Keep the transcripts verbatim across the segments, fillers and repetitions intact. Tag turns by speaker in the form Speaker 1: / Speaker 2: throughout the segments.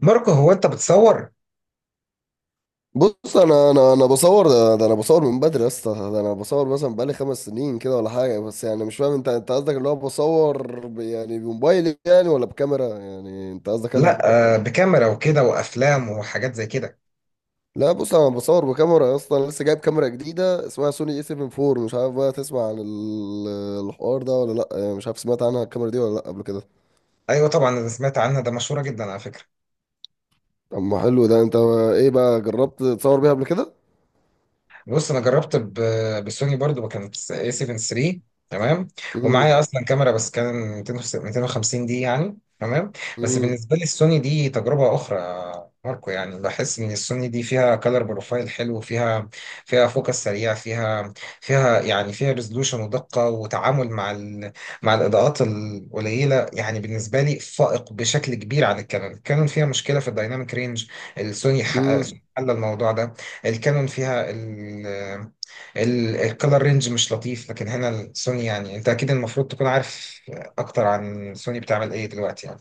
Speaker 1: ماركو هو انت بتصور؟
Speaker 2: بص، انا انا انا بصور ده, ده. انا بصور من بدري يا اسطى. ده انا بصور مثلا بقالي خمس سنين كده ولا حاجه. بس يعني مش فاهم، انت انت قصدك اللي هو بصور ب- يعني بموبايلي يعني، ولا بكاميرا؟ يعني انت قصدك انهي؟
Speaker 1: لا. آه، بكاميرا وكده وافلام وحاجات زي كده.
Speaker 2: لا، بص انا بصور بكاميرا يا اسطى. انا لسه جايب كاميرا جديده اسمها سوني اي اربعه وسبعين. مش عارف بقى تسمع عن ال- الحوار ده ولا لا؟ يعني مش عارف، سمعت عنها الكاميرا دي ولا لا قبل كده؟
Speaker 1: ايوه طبعا انا سمعت عنها، ده مشهوره جدا على فكره.
Speaker 2: اما حلو ده انت. ايه بقى، جربت تصور بيها قبل كده؟
Speaker 1: بص انا جربت ب- بالسوني برضو، ما كانت اي سبعه تلاته؟ تمام. ومعايا
Speaker 2: امم.
Speaker 1: اصلا كاميرا بس كان ميتين ميتين وخمسين، دي يعني تمام. بس بالنسبه لي السوني دي تجربه اخرى يا ماركو، يعني بحس ان السوني دي فيها كلر بروفايل حلو، فيها فيها فوكس سريع، فيها فيها يعني فيها ريزولوشن ودقه وتعامل مع ال... مع الاضاءات القليله، يعني بالنسبه لي فائق بشكل كبير عن الكانون. الكانون فيها مشكله في الدايناميك رينج، السوني حقق-
Speaker 2: امم.
Speaker 1: حل الموضوع ده. الكانون فيها ال ال الكالر رينج مش لطيف، لكن هنا السوني، يعني انت اكيد المفروض تكون عارف اكتر عن سوني بتعمل ايه دلوقتي يعني.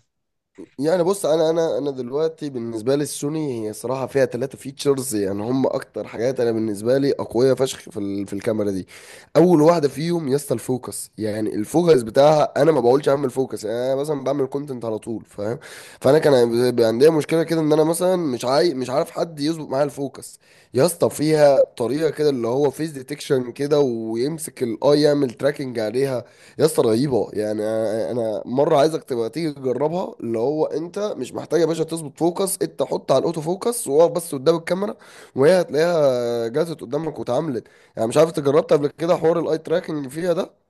Speaker 2: يعني بص، انا انا انا دلوقتي بالنسبه لي السوني هي صراحه فيها ثلاثه فيتشرز، يعني هم اكتر حاجات انا بالنسبه لي اقويه فشخ في ال- في الكاميرا دي. اول واحده فيهم يا اسطى الفوكس. يعني الفوكس بتاعها، انا ما بقولش اعمل فوكس يعني، انا مثلا بعمل كونتنت على طول فاهم. فانا كان بيبقى عندي مشكله كده ان انا مثلا مش عاي... مش عارف حد يظبط معايا الفوكس. يا اسطى فيها طريقه كده اللي هو فيس ديتكشن، كده ويمسك الاي يعمل تراكنج عليها. يا اسطى رهيبه. يعني انا أنا مره عايزك تبقى تيجي تجربها. اللي هو انت مش محتاج يا باشا تظبط فوكس، انت حط على الاوتو فوكس، وقف بس قدام الكاميرا وهي هتلاقيها جات قدامك واتعاملت. يعني مش عارف، انت جربت قبل كده حوار الاي تراكنج فيها ده؟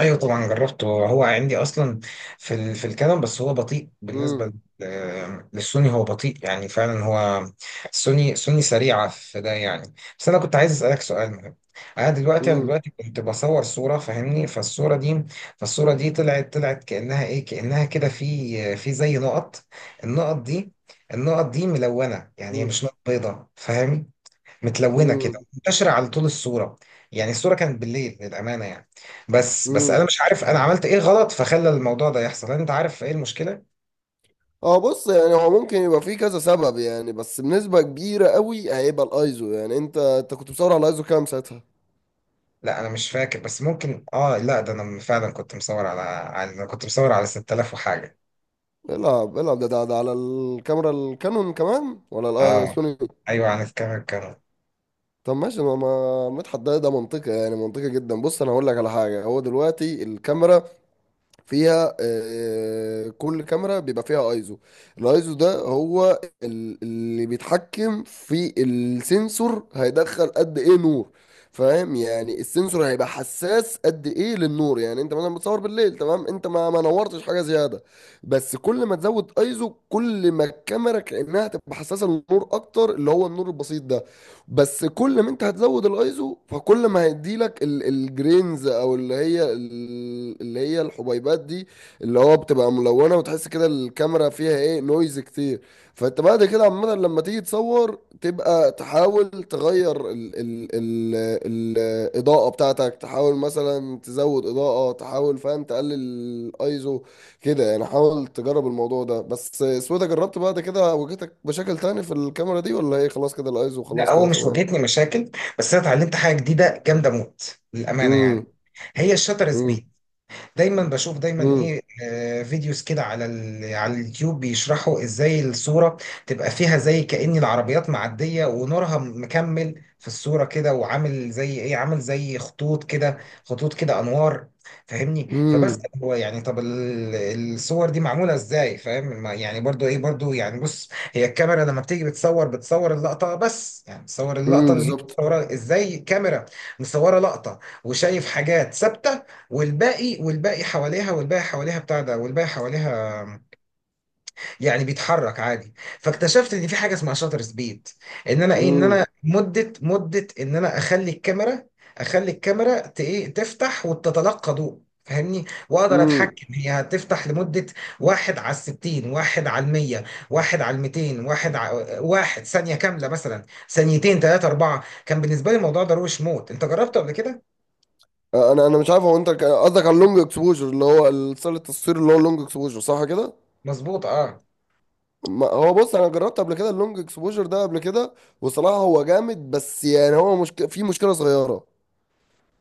Speaker 1: ايوه طبعا جربته، هو عندي اصلا في ال... في الكلام، بس هو بطيء
Speaker 2: امم.
Speaker 1: بالنسبه لل- للسوني، هو بطيء يعني، فعلا هو. سوني سوني سريعه في ده يعني. بس انا كنت عايز اسالك سؤال مهم. انا دلوقتي انا
Speaker 2: امم.
Speaker 1: دلوقتي كنت بصور صوره، فاهمني؟ فالصوره دي فالصوره دي طلعت طلعت كانها ايه، كانها كده في في زي نقط. النقط دي النقط دي ملونه، يعني هي
Speaker 2: امم.
Speaker 1: مش نقط بيضاء، فاهم؟ متلونه كده،
Speaker 2: امم.
Speaker 1: منتشره على طول الصوره. يعني الصوره كانت بالليل للامانه يعني. بس بس انا
Speaker 2: امم.
Speaker 1: مش عارف انا عملت ايه غلط فخلى الموضوع ده يحصل، انت عارف ايه المشكله؟
Speaker 2: اه، بص، يعني هو ممكن يبقى فيه كذا سبب، يعني بس بنسبه كبيره قوي هيبقى الايزو. يعني انت انت كنت بتصور على الايزو كام ساعتها؟
Speaker 1: لا انا مش فاكر، بس ممكن، اه لا، ده انا فعلا كنت مصور على على انا كنت مصور على سته الاف وحاجه.
Speaker 2: العب العب ده ده, ده على الكاميرا الكانون كمان ولا
Speaker 1: اه
Speaker 2: السوني؟
Speaker 1: ايوه عن الكاميرا الكاميرا.
Speaker 2: طب ماشي، ما ما مدحت، ده ده منطقي يعني منطقي جدا. بص انا هقول لك على حاجه. هو دلوقتي الكاميرا فيها آه، آه، كل كاميرا بيبقى فيها ايزو. الايزو ده هو ال- اللي بيتحكم في السنسور هيدخل قد ايه نور، فاهم؟ يعني السنسور هيبقى حساس قد ايه للنور. يعني انت مثلا بتصور بالليل، تمام، انت ما ما نورتش حاجه زياده. بس كل ما تزود ايزو كل ما الكاميرا كانها تبقى حساسه للنور اكتر، اللي هو النور البسيط ده. بس كل ما انت هتزود الايزو فكل ما هيديلك ال- الجرينز، او اللي هي ال- اللي هي الحبيبات دي، اللي هو بتبقى ملونه، وتحس كده الكاميرا فيها ايه، نويز كتير. فانت بعد كده عامه لما تيجي تصور تبقى تحاول تغير ال ال ال الاضاءه بتاعتك، تحاول مثلا تزود اضاءه، تحاول فاهم تقلل الايزو كده يعني. حاول تجرب الموضوع ده بس. سويدة، جربت بعد كده واجهتك مشاكل تاني في الكاميرا دي ولا ايه، خلاص كده الايزو
Speaker 1: لا
Speaker 2: وخلاص
Speaker 1: هو
Speaker 2: كده
Speaker 1: مش
Speaker 2: تمام؟
Speaker 1: واجهتني مشاكل، بس انا اتعلمت حاجه جديده جامده موت للامانه
Speaker 2: امم.
Speaker 1: يعني، هي الشاتر
Speaker 2: امم.
Speaker 1: سبيد. دايما بشوف دايما ايه
Speaker 2: امم.
Speaker 1: آه، فيديوز كده على ال... على اليوتيوب بيشرحوا ازاي الصورة تبقى فيها زي كأن العربيات معدية ونورها مكمل في الصورة كده، وعامل زي ايه، عامل زي خطوط كده، خطوط كده انوار، فاهمني؟ فبس
Speaker 2: امم.
Speaker 1: هو يعني طب ال- الصور دي معمولة ازاي فاهم؟ ما- يعني برضو ايه برضو، يعني بص هي الكاميرا لما بتيجي بتصور، بتصور اللقطة، بس يعني بتصور اللقطة
Speaker 2: امم
Speaker 1: اللي هي
Speaker 2: بالظبط.
Speaker 1: متصورة ازاي، كاميرا مصورة لقطة وشايف حاجات ثابتة، والباقي والباقي حواليها والباقي حواليها بتاع ده والباقي حواليها يعني بيتحرك عادي. فاكتشفت ان في حاجه اسمها شاتر سبيد، ان انا ايه، ان انا
Speaker 2: امم.
Speaker 1: مده مده ان انا اخلي الكاميرا، اخلي الكاميرا ت- ايه تفتح وتتلقى ضوء، فاهمني؟ واقدر
Speaker 2: امم.
Speaker 1: اتحكم هي هتفتح لمده، واحد على الستين، واحد على المية، واحد على الميتين، واحد على واحد ثانيه كامله مثلا، ثانيتين ثلاثه اربعه. كان بالنسبه لي الموضوع ده روش موت، انت جربته قبل كده؟
Speaker 2: انا انا مش عارف، هو انت ك- قصدك على اللونج اكسبوجر اللي هو الستايل التصوير، اللي هو اللونج اكسبوجر صح كده؟
Speaker 1: مظبوط اه.
Speaker 2: ما- هو بص انا جربت قبل كده اللونج اكسبوجر ده قبل كده، وصراحة هو جامد. بس يعني هو مشك... في مشكلة صغيرة.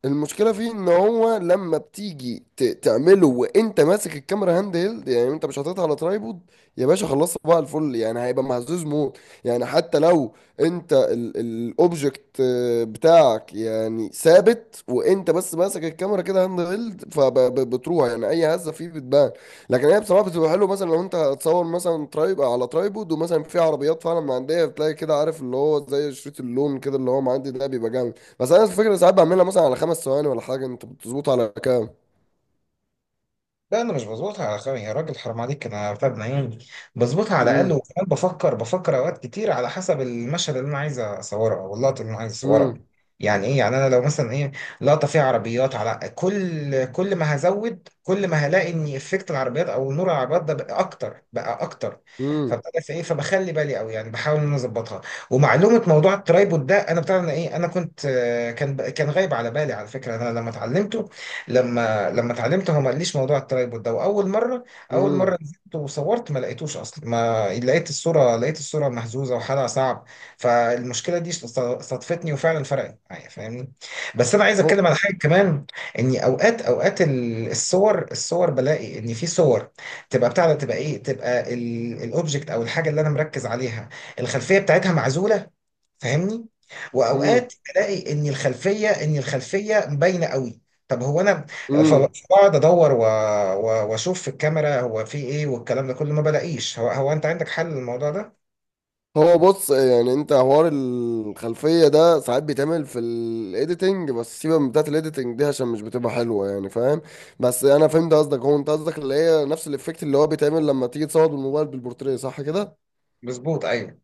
Speaker 2: المشكله فيه ان هو لما بتيجي ت- تعمله وانت ماسك الكاميرا هاند هيلد، يعني انت مش حاططها على ترايبود يا باشا، خلصت بقى الفل يعني، هيبقى مهزوز موت. يعني حتى لو انت الاوبجكت بتاعك يعني ثابت، وانت بس ماسك الكاميرا كده هاند هيلد، فبتروح يعني اي هزه فيه بتبان. لكن هي بصراحه بتبقى حلوه، مثلا لو انت هتصور مثلا ترايب على ترايبود ومثلا في عربيات فعلا معديه، بتلاقي كده عارف اللي هو زي شريط اللون كده اللي هو معدي ده، بيبقى جامد. بس انا الفكره ساعات بعملها مثلا على خمس ثواني ولا حاجه، انت بتظبط على كام؟
Speaker 1: لا انا مش بظبطها على خير يا راجل، حرام عليك، انا فاهم عيوني، بظبطها على الاقل.
Speaker 2: امم.
Speaker 1: وكمان بفكر بفكر اوقات كتير على حسب المشهد اللي انا عايز اصوره او اللقطه اللي انا عايز اصورها.
Speaker 2: امم.
Speaker 1: يعني ايه، يعني انا لو مثلا ايه، لقطه فيها عربيات، على كل، كل ما هزود كل ما هلاقي ان افكت العربيات او نور العربيات ده بقى اكتر بقى اكتر،
Speaker 2: امم.
Speaker 1: فابتدى في ايه، فبخلي بالي قوي يعني، بحاول ان انا اظبطها. ومعلومه موضوع الترايبود ده انا بتاع انا ايه، انا كنت آه، كان كان غايب على بالي على فكره. انا لما اتعلمته، لما لما اتعلمته هو ما قاليش موضوع الترايبود ده، واول مره، اول
Speaker 2: امم.
Speaker 1: مره نزلت وصورت ما لقيتوش اصلا، ما لقيت الصوره، لقيت الصوره مهزوزه وحالها صعب. فالمشكله دي صدفتني وفعلا فرقت معايا، فاهمني؟ بس انا عايز
Speaker 2: هو.
Speaker 1: اتكلم على حاجه كمان، اني اوقات اوقات ال- الصور، الصور بلاقي ان في صور تبقى بتاع ده، تبقى ايه، تبقى الاوبجكت او الحاجه اللي انا مركز عليها، الخلفيه بتاعتها معزوله، فاهمني؟
Speaker 2: امم.
Speaker 1: واوقات الاقي ان الخلفيه، ان الخلفيه باينه قوي. طب هو انا ف-
Speaker 2: امم.
Speaker 1: فبقعد ادور و- و- واشوف في الكاميرا هو في ايه، والكلام ده كله ما بلاقيش، هو هو انت عندك حل للموضوع ده؟
Speaker 2: هو بص يعني انت حوار الخلفيه ده ساعات بيتعمل في الايديتنج، بس سيبك من بتاعت الايديتنج دي عشان مش بتبقى حلوه يعني فاهم. بس انا فهمت قصدك. هو انت قصدك اللي هي نفس الافكت اللي هو بيتعمل لما تيجي تصور بالموبايل بالبورتريه صح كده؟
Speaker 1: مظبوط ايوه.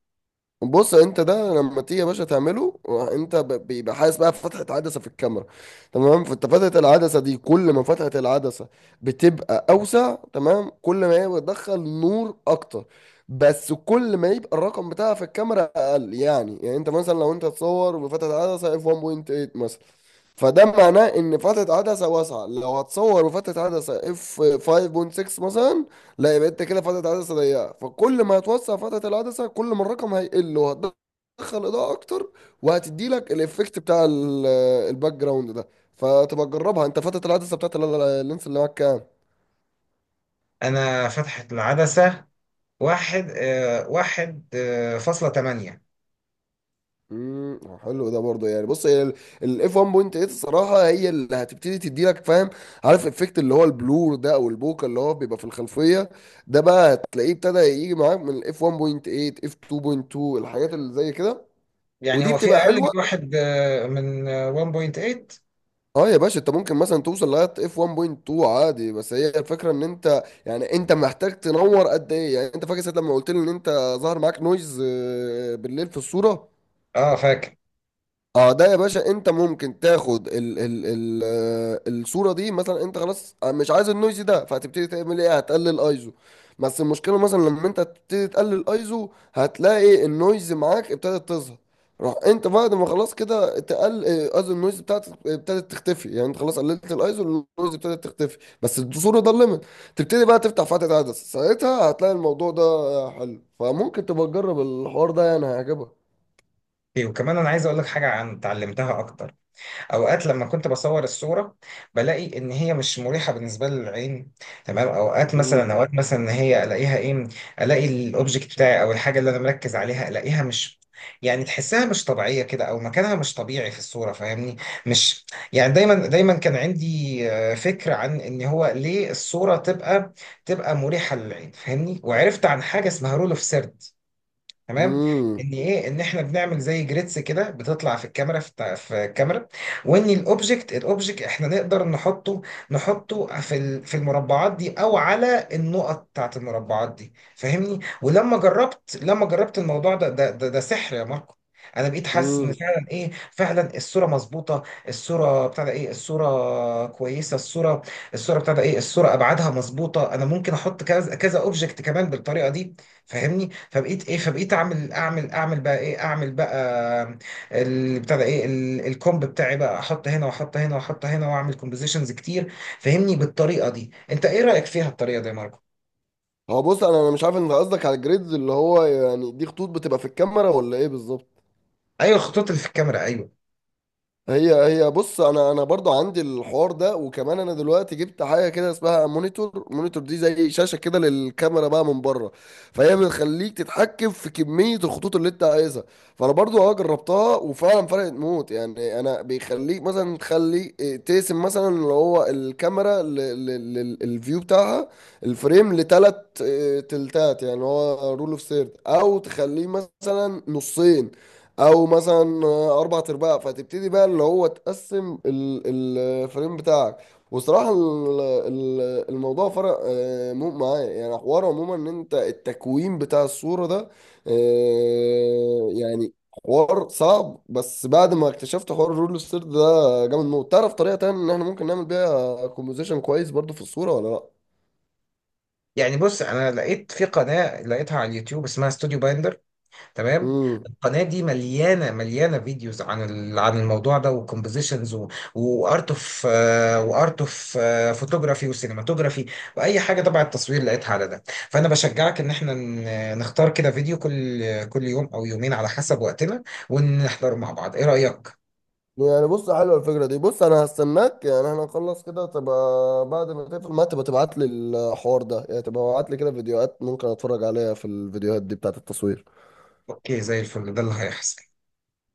Speaker 2: بص انت ده لما تيجي يا باشا تعمله، انت ب- بيبقى حاسس بقى فتحة عدسة في الكاميرا، تمام؟ فانت فتحة العدسة دي، كل ما فتحة العدسة بتبقى اوسع، تمام، كل ما هي بتدخل نور اكتر. بس كل ما يبقى الرقم بتاعها في الكاميرا اقل يعني يعني انت مثلا، لو انت تصور بفتحة عدسة اف واحد فاصله تمانيه مثلا، فده معناه ان فتحة عدسة واسعة. لو هتصور بفتحة عدسة اف خمسه فاصله سته مثلا، لا، يبقى انت كده فتره عدسه ضيقه. فكل ما هتوسع فتره العدسه كل ما الرقم هيقل، وهتدخل اضاءه اكتر، وهتدي لك الايفكت بتاع ال- الباك جراوند ده. فتبقى تجربها. انت فتره العدسه بتاعت ال- ال- اللينس اللي معاك كام؟
Speaker 1: انا فتحت العدسه، واحد آه، واحد آه، فاصلة تمانية.
Speaker 2: امم، حلو ده برضه. يعني بص هي الاف واحد فاصله تمانيه الصراحه هي اللي هتبتدي تدي لك فاهم، عارف الافكت اللي هو البلور ده او البوكا اللي هو بيبقى في الخلفيه. ده بقى هتلاقيه ابتدى يجي معاك من الاف واحد فاصله تمانيه اف اتنين فاصله اتنين، الحاجات اللي زي كده،
Speaker 1: يعني
Speaker 2: ودي
Speaker 1: هو في
Speaker 2: بتبقى
Speaker 1: اقل
Speaker 2: حلوه.
Speaker 1: من واحد، آه، من آه، واحد فاصله تمانيه؟
Speaker 2: اه، يا باشا انت ممكن مثلا توصل لغايه اف واحد فاصله اتنين عادي. بس هي الفكره ان انت يعني انت محتاج تنور قد ايه. يعني انت فاكر ساعه لما قلت لي ان انت ظهر معاك نويز آه، بالليل في الصوره؟
Speaker 1: اه فاكر.
Speaker 2: اه، ده يا باشا انت ممكن تاخد ال ال ال آه، الصوره دي مثلا، انت خلاص آه، مش عايز النويز ده فهتبتدي تعمل ايه، هتقلل ايزو. بس المشكله مثلا لما انت تبتدي تقلل ايزو، هتلاقي النويز معاك ابتدت تظهر. روح انت بعد ما خلاص كده تقل آه، قصدي النويز بتاعتك ابتدت تختفي، يعني انت خلاص قللت الايزو النويز ابتدت تختفي، بس الصوره ده الليميت. تبتدي بقى تفتح فتحه عدسه ساعتها، هتلاقي الموضوع ده حلو، فممكن تبقى تجرب الحوار ده يعني هيعجبك.
Speaker 1: إيه، وكمان انا عايز اقول لك حاجه عن اتعلمتها اكتر. اوقات لما كنت بصور الصوره بلاقي ان هي مش مريحه بالنسبه لي للعين، تمام؟ اوقات مثلا اه، اوقات مثلا ان هي الاقيها ايه، الاقي الاوبجكت بتاعي او الحاجه اللي انا مركز عليها الاقيها مش، يعني تحسها مش طبيعيه كده او مكانها مش طبيعي في الصوره، فاهمني؟ مش يعني، دايما دايما كان عندي آه، فكره عن ان هو ليه الصوره تبقى تبقى مريحه للعين، فاهمني؟ وعرفت عن حاجه اسمها رول اوف سيرد، تمام؟
Speaker 2: امم.
Speaker 1: ان ايه، ان احنا بنعمل زي جريدز كده بتطلع في الكاميرا في, الت- في الكاميرا، وان الاوبجكت الاوبجكت احنا نقدر نحطه نحطه في ال- في المربعات دي او على النقط بتاعت المربعات دي، فاهمني؟ ولما جربت، لما جربت الموضوع ده ده ده, ده سحر يا ماركو. انا بقيت حاسس ان
Speaker 2: امم.
Speaker 1: فعلا ايه، فعلا الصوره مظبوطه، الصوره بتاع ده ايه، الصوره كويسه، الصوره الصوره بتاع ده ايه، الصوره ابعادها مظبوطه، انا ممكن احط كذا كذا اوبجكت كمان بالطريقه دي، فاهمني؟ فبقيت ايه، فبقيت اعمل اعمل اعمل بقى ايه، اعمل بقى اللي بتاع ده ايه، ال- الكومب بتاعي، بقى احط هنا واحط هنا واحط هنا واعمل كومبوزيشنز كتير، فاهمني؟ بالطريقه دي انت ايه رايك فيها الطريقه دي يا ماركو؟
Speaker 2: هو بص انا انا مش عارف، انت قصدك على الجريدز اللي هو يعني دي خطوط بتبقى في الكاميرا، ولا ايه بالظبط؟
Speaker 1: ايوه الخطوط اللي في الكاميرا ايوه.
Speaker 2: هي هي بص انا انا برضو عندي الحوار ده. وكمان انا دلوقتي جبت حاجه كده اسمها مونيتور، مونيتور دي زي شاشه كده للكاميرا بقى من بره، فهي بتخليك تتحكم في كميه الخطوط اللي انت عايزها. فانا برضو اه جربتها وفعلا فرقت موت يعني. انا بيخليك مثلا تخلي إيه، تقسم مثلا اللي هو الكاميرا للفيو بتاعها الفريم لتلات إيه، تلتات، يعني هو رول اوف ثيرد، او تخليه مثلا نصين، او مثلا اربع ارباع. فتبتدي بقى اللي هو تقسم ال- الفريم بتاعك. وصراحة ال- ال- الموضوع فرق آه، مو- معايا يعني، حوار عموما ان انت التكوين بتاع الصورة ده آه، يعني حوار صعب، بس بعد ما اكتشفت حوار الرول ستير ده جامد موت. تعرف طريقة تانية ان احنا ممكن نعمل بيها كومبوزيشن كويس برضو في الصورة ولا؟
Speaker 1: يعني بص انا لقيت في قناه، لقيتها على اليوتيوب، اسمها ستوديو بايندر، تمام؟
Speaker 2: لا؟
Speaker 1: القناه دي مليانه مليانه فيديوز عن ال- عن الموضوع ده، وكومبوزيشنز وارت اوف وارت اوف فوتوغرافي وسينماتوجرافي واي حاجه تبع التصوير لقيتها على ده. فانا بشجعك ان احنا ن- نختار كده فيديو كل، كل يوم او يومين على حسب وقتنا، ونحضره مع بعض، ايه رايك؟
Speaker 2: يعني بص حلوه الفكره دي. بص انا هستناك يعني، احنا نخلص كده تبقى بعد ما تقفل ما تبقى تبعت لي الحوار ده، يعني تبقى تبعت لي كده فيديوهات ممكن اتفرج عليها، في الفيديوهات دي بتاعت التصوير.
Speaker 1: اوكي زي الفل، ده اللي هيحصل.